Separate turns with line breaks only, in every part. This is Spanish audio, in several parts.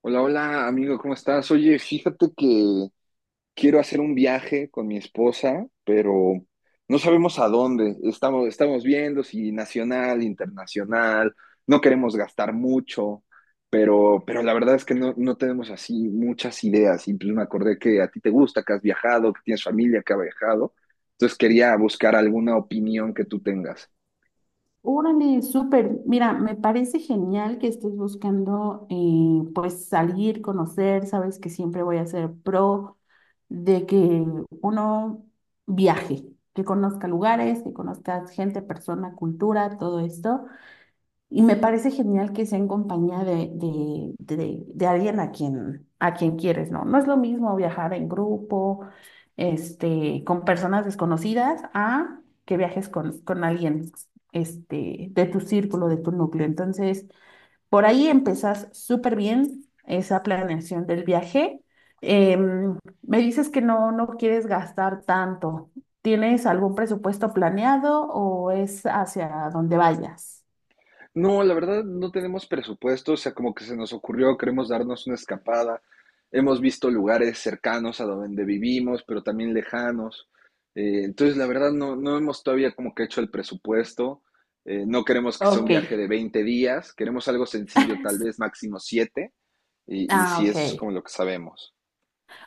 Hola, hola, amigo, ¿cómo estás? Oye, fíjate que quiero hacer un viaje con mi esposa, pero no sabemos a dónde. Estamos viendo si nacional, internacional, no queremos gastar mucho, pero la verdad es que no tenemos así muchas ideas. Y pues me acordé que a ti te gusta, que has viajado, que tienes familia que ha viajado. Entonces quería buscar alguna opinión que tú tengas.
Órale, súper. Mira, me parece genial que estés buscando pues salir, conocer, sabes que siempre voy a ser pro de que uno viaje, que conozca lugares, que conozca gente, persona, cultura, todo esto. Y me parece genial que sea en compañía de alguien a quien quieres, ¿no? No es lo mismo viajar en grupo, con personas desconocidas, a que viajes con alguien, de tu círculo, de tu núcleo. Entonces, por ahí empezás súper bien esa planeación del viaje. Em, Me dices que no quieres gastar tanto. ¿Tienes algún presupuesto planeado o es hacia donde vayas?
No, la verdad no tenemos presupuesto, o sea, como que se nos ocurrió, queremos darnos una escapada. Hemos visto lugares cercanos a donde vivimos, pero también lejanos. Entonces, la verdad no hemos todavía como que hecho el presupuesto. No queremos que sea un
Ok.
viaje de 20 días, queremos algo sencillo, tal vez máximo 7, y
Ah,
si
ok.
eso es como lo que sabemos.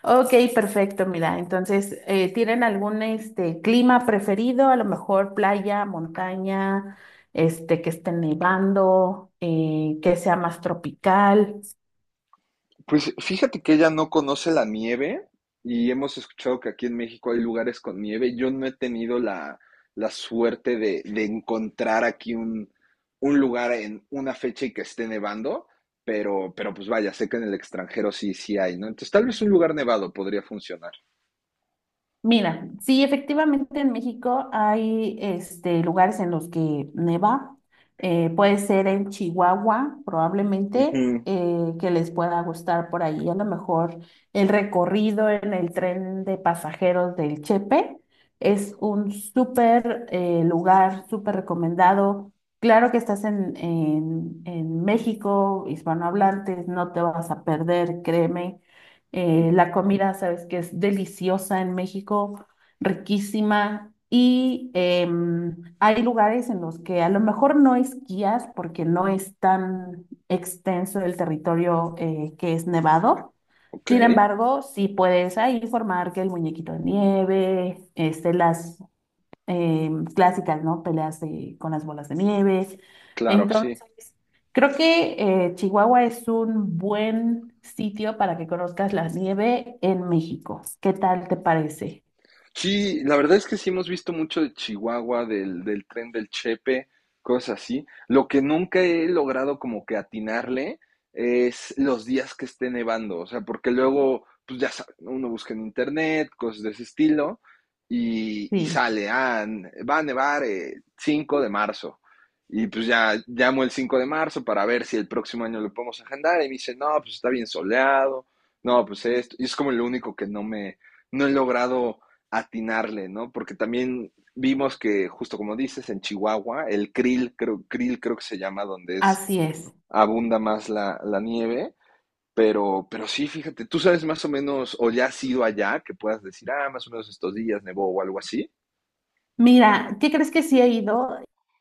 Ok, perfecto. Mira, entonces, ¿tienen algún clima preferido? A lo mejor playa, montaña, que esté nevando, que sea más tropical.
Pues fíjate que ella no conoce la nieve y hemos escuchado que aquí en México hay lugares con nieve. Yo no he tenido la, suerte de encontrar aquí un lugar en una fecha y que esté nevando, pero pues vaya, sé que en el extranjero sí, sí hay, ¿no? Entonces tal vez un lugar nevado podría funcionar.
Mira, sí, efectivamente en México hay lugares en los que neva. Puede ser en Chihuahua, probablemente,
Ujú.
que les pueda gustar por ahí. A lo mejor el recorrido en el tren de pasajeros del Chepe es un súper lugar, súper recomendado. Claro que estás en, en México, hispanohablantes, no te vas a perder, créeme. La comida, sabes que es deliciosa en México, riquísima. Y hay lugares en los que a lo mejor no esquías porque no es tan extenso el territorio que es nevado.
Ok.
Sin embargo, sí puedes ahí formar que el muñequito de nieve, las eh, clásicas, ¿no? Peleas de- con las bolas de nieve.
Claro, sí.
Entonces, creo que Chihuahua es un buen sitio para que conozcas la nieve en México. ¿Qué tal te parece?
Sí, la verdad es que sí hemos visto mucho de Chihuahua, del tren del Chepe, cosas así. Lo que nunca he logrado como que atinarle es los días que esté nevando, o sea, porque luego, pues ya sabe, ¿no? uno busca en internet, cosas de ese estilo, y
Sí.
sale, ah, va a nevar 5 de marzo. Y pues ya llamo el 5 de marzo para ver si el próximo año lo podemos agendar, y me dice, no, pues está bien soleado, no, pues esto, y es como lo único que no me, no he logrado atinarle, ¿no? Porque también vimos que, justo como dices, en Chihuahua, el krill creo que se llama, donde es
Así es.
abunda más la, nieve, pero sí, fíjate, tú sabes más o menos, o ya has ido allá, que puedas decir, ah, más o menos estos días nevó o algo así.
Mira, ¿qué crees que sí he ido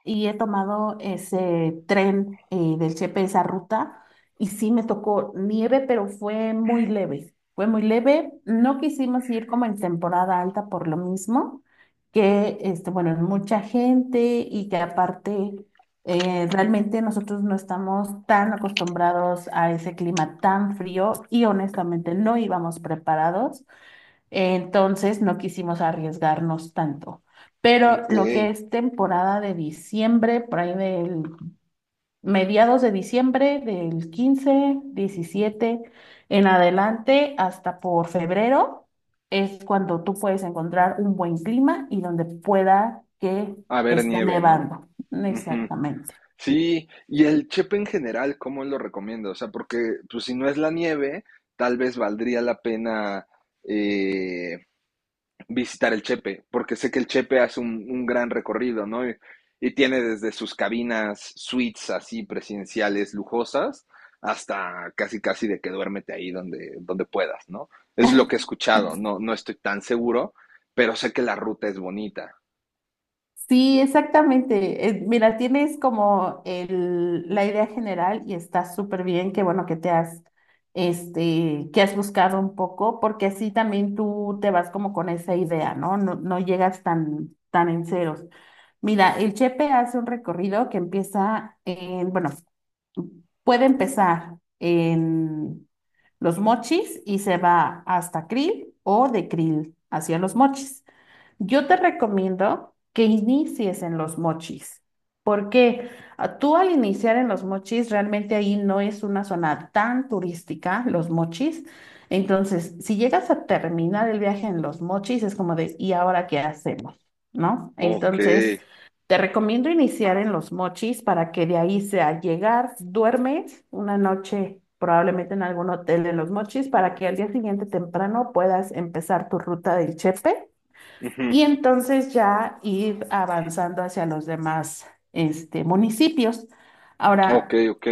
y he tomado ese tren del Chepe, esa ruta? Y sí me tocó nieve, pero fue muy leve. Fue muy leve. No quisimos ir como en temporada alta por lo mismo, que bueno, es mucha gente y que aparte realmente nosotros no estamos tan acostumbrados a ese clima tan frío y honestamente no íbamos preparados. Entonces no quisimos arriesgarnos tanto. Pero
Ok.
lo que es temporada de diciembre, por ahí del mediados de diciembre, del 15, 17, en adelante, hasta por febrero, es cuando tú puedes encontrar un buen clima y donde pueda que
A ver,
esté
nieve, ¿no?
nevando.
Ujú.
Exactamente.
Sí, y el chepe en general, ¿cómo lo recomiendo? O sea, porque pues si no es la nieve, tal vez valdría la pena eh, visitar el Chepe, porque sé que el Chepe hace un, gran recorrido, ¿no? Y tiene desde sus cabinas suites así presidenciales lujosas hasta casi casi de que duérmete ahí donde puedas, ¿no? Es lo que he escuchado, no estoy tan seguro, pero sé que la ruta es bonita.
Sí, exactamente. Mira, tienes como el, la idea general y está súper bien, que bueno que te has, que has buscado un poco, porque así también tú te vas como con esa idea, ¿no? No, no llegas tan, tan en ceros. Mira, el Chepe hace un recorrido que empieza en, bueno, puede empezar en Los Mochis y se va hasta Krill o de Krill hacia Los Mochis. Yo te recomiendo que inicies en Los Mochis, porque ah, tú al iniciar en Los Mochis, realmente ahí no es una zona tan turística, Los Mochis. Entonces, si llegas a terminar el viaje en Los Mochis, es como de, ¿y ahora qué hacemos? ¿No?
Ok.
Entonces, te recomiendo iniciar en Los Mochis para que de ahí sea llegar, duermes una noche probablemente en algún hotel de Los Mochis para que al día siguiente temprano puedas empezar tu ruta del Chepe
Ujú.
y entonces ya ir avanzando hacia los demás municipios.
Ok,
Ahora,
ok,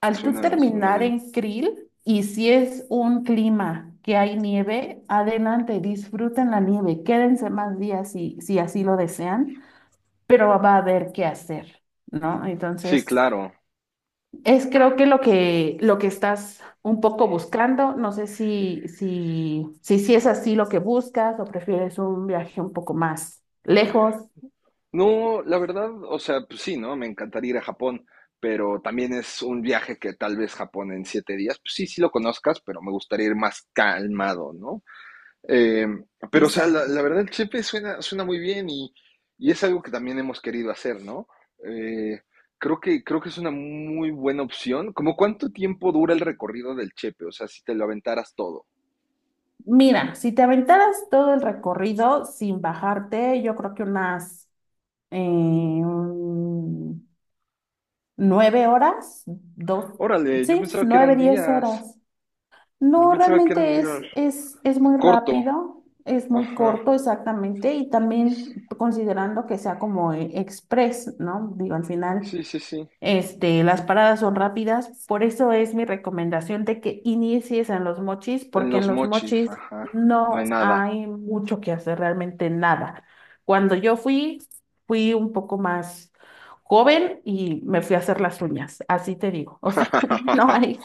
al tú
suena, suena
terminar
bien.
en Krill y si es un clima que hay nieve, adelante, disfruten la nieve, quédense más días si así lo desean, pero va a haber qué hacer, ¿no?
Sí,
Entonces,
claro.
es creo que lo que estás un poco buscando, no sé si es así lo que buscas o prefieres un viaje un poco más lejos.
No, la verdad, o sea, pues sí, ¿no? Me encantaría ir a Japón, pero también es un viaje que tal vez Japón en 7 días, pues sí, sí lo conozcas, pero me gustaría ir más calmado, ¿no? Eh, pero, o sea, la,
Exacto.
la verdad, el chepe suena, suena muy bien y es algo que también hemos querido hacer, ¿no? Eh, creo que es una muy buena opción. ¿Cómo cuánto tiempo dura el recorrido del chepe? O sea, si te lo aventaras todo.
Mira, si te aventaras todo el recorrido sin bajarte, yo creo que unas eh, un- 9 horas, dos,
Órale, yo
sí,
pensaba que
nueve,
eran
diez
días.
horas.
Yo
No,
pensaba que eran
realmente
días.
es muy
Corto.
rápido, es muy
Ajá.
corto exactamente y también considerando que sea como express, ¿no? Digo, al final,
Sí, sí, sí.
las paradas son rápidas, por eso es mi recomendación de que inicies en Los Mochis,
En
porque en
los
Los
mochis,
Mochis
ajá. No
no
hay nada.
hay mucho que hacer, realmente nada. Cuando yo fui, fui un poco más joven y me fui a hacer las uñas, así te digo, o sea, no hay.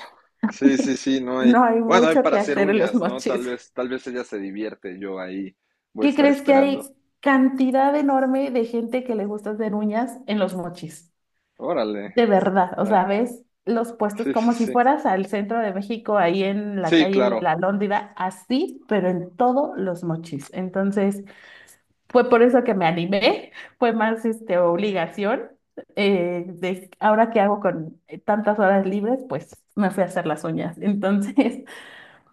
Sí, sí, sí, no hay.
No hay
Bueno, hay
mucho
para
que
hacer
hacer en Los
uñas, ¿no?
Mochis.
Tal vez ella se divierte, yo ahí voy a
¿Qué
estar
crees que hay
esperando.
cantidad enorme de gente que le gusta hacer uñas en Los Mochis?
Órale.
De verdad, o
ta-
sea, ves los puestos
Sí, sí,
como si
sí.
fueras al centro de México, ahí en la
Sí,
calle de
claro.
la Lóndida, así, pero en todos Los Mochis. Entonces, fue por eso que me animé, fue más obligación. De ahora que hago con tantas horas libres, pues me fui a hacer las uñas. Entonces,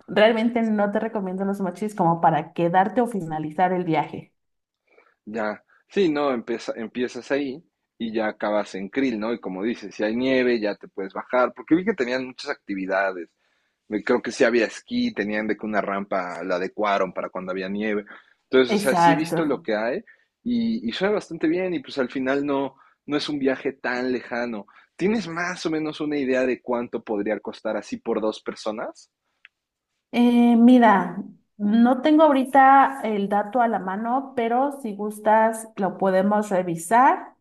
realmente no te recomiendo Los Mochis como para quedarte o finalizar el viaje.
Ya. Sí, no, empiezas ahí y ya acabas en Krill, ¿no? Y como dices, si hay nieve, ya te puedes bajar, porque vi que tenían muchas actividades. Creo que sí había esquí, tenían de que una rampa la adecuaron para cuando había nieve. Entonces, o sea, sí he
Exacto.
visto lo que hay y suena bastante bien y pues al final no es un viaje tan lejano. ¿Tienes más o menos una idea de cuánto podría costar así por dos personas?
Mira, no tengo ahorita el dato a la mano, pero si gustas lo podemos revisar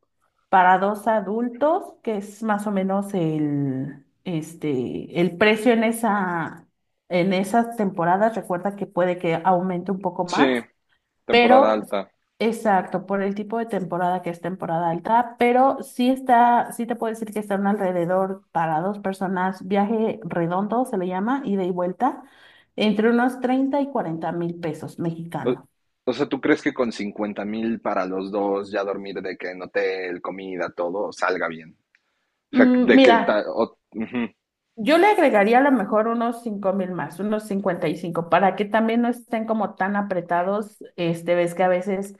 para dos adultos, que es más o menos el, el precio en esa, en esas temporadas. Recuerda que puede que aumente un poco
Sí,
más.
temporada
Pero,
alta.
exacto, por el tipo de temporada que es temporada alta, pero sí está, sí te puedo decir que están alrededor para dos personas, viaje redondo se le llama, ida y vuelta, entre unos 30 y 40 mil pesos
O,
mexicanos.
o sea, ¿tú crees que con 50,000 para los dos, ya dormir de que en hotel, comida, todo, salga bien? O sea,
Mm,
de que... ta-
mira,
o- ujú.
yo le agregaría a lo mejor unos 5,000 más, unos 55 mil, para que también no estén como tan apretados. Este, ves que a veces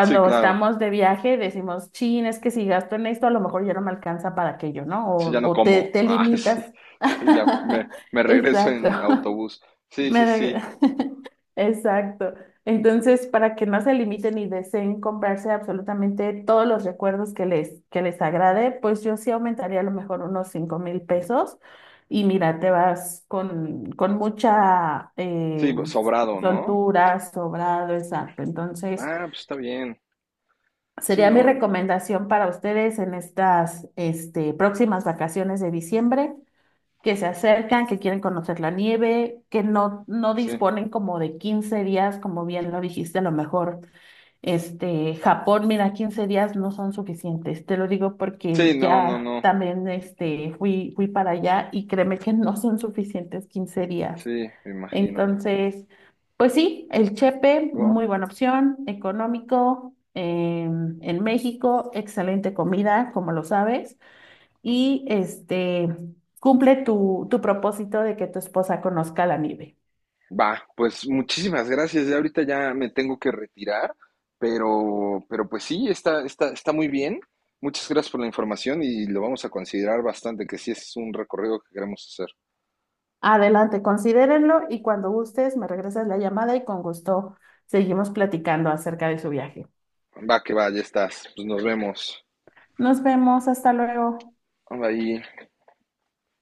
Sí, claro.
estamos de viaje decimos, chin, es que si gasto en esto, a lo mejor ya no me alcanza para aquello, ¿no?
Sí, ya no
O te,
como.
te
Ah, sí,
limitas.
sí, ya me, me regreso
Exacto.
en autobús. Sí,
Me
sí,
reg-
sí,
Exacto. Entonces, para que no se limiten y deseen comprarse absolutamente todos los recuerdos que les agrade, pues yo sí aumentaría a lo mejor unos 5,000 pesos. Y mira, te vas con mucha
sí, sobrado, ¿no?
soltura, sobrado, exacto. Entonces,
Ah, pues está bien. Sí,
sería mi
no,
recomendación para ustedes en estas próximas vacaciones de diciembre que se acercan, que quieren conocer la nieve, que no
sí,
disponen como de 15 días, como bien lo dijiste, a lo mejor, Japón, mira, 15 días no son suficientes. Te lo digo porque
sí, no, no,
ya
no,
también, fui para allá y créeme que no son suficientes 15 días.
sí, me imagino.
Entonces, pues sí, el Chepe,
Bueno,
muy buena opción, económico, en México, excelente comida, como lo sabes y cumple tu, tu propósito de que tu esposa conozca la nieve.
va, pues muchísimas gracias. Ya ahorita ya me tengo que retirar, pero pues sí, está, está, está muy bien. Muchas gracias por la información y lo vamos a considerar bastante, que sí es un recorrido que queremos hacer.
Adelante, considérenlo y cuando gustes me regresas la llamada y con gusto seguimos platicando acerca de su viaje.
Va, que va, ya estás. Pues nos vemos.
Nos vemos, hasta luego.
Bye.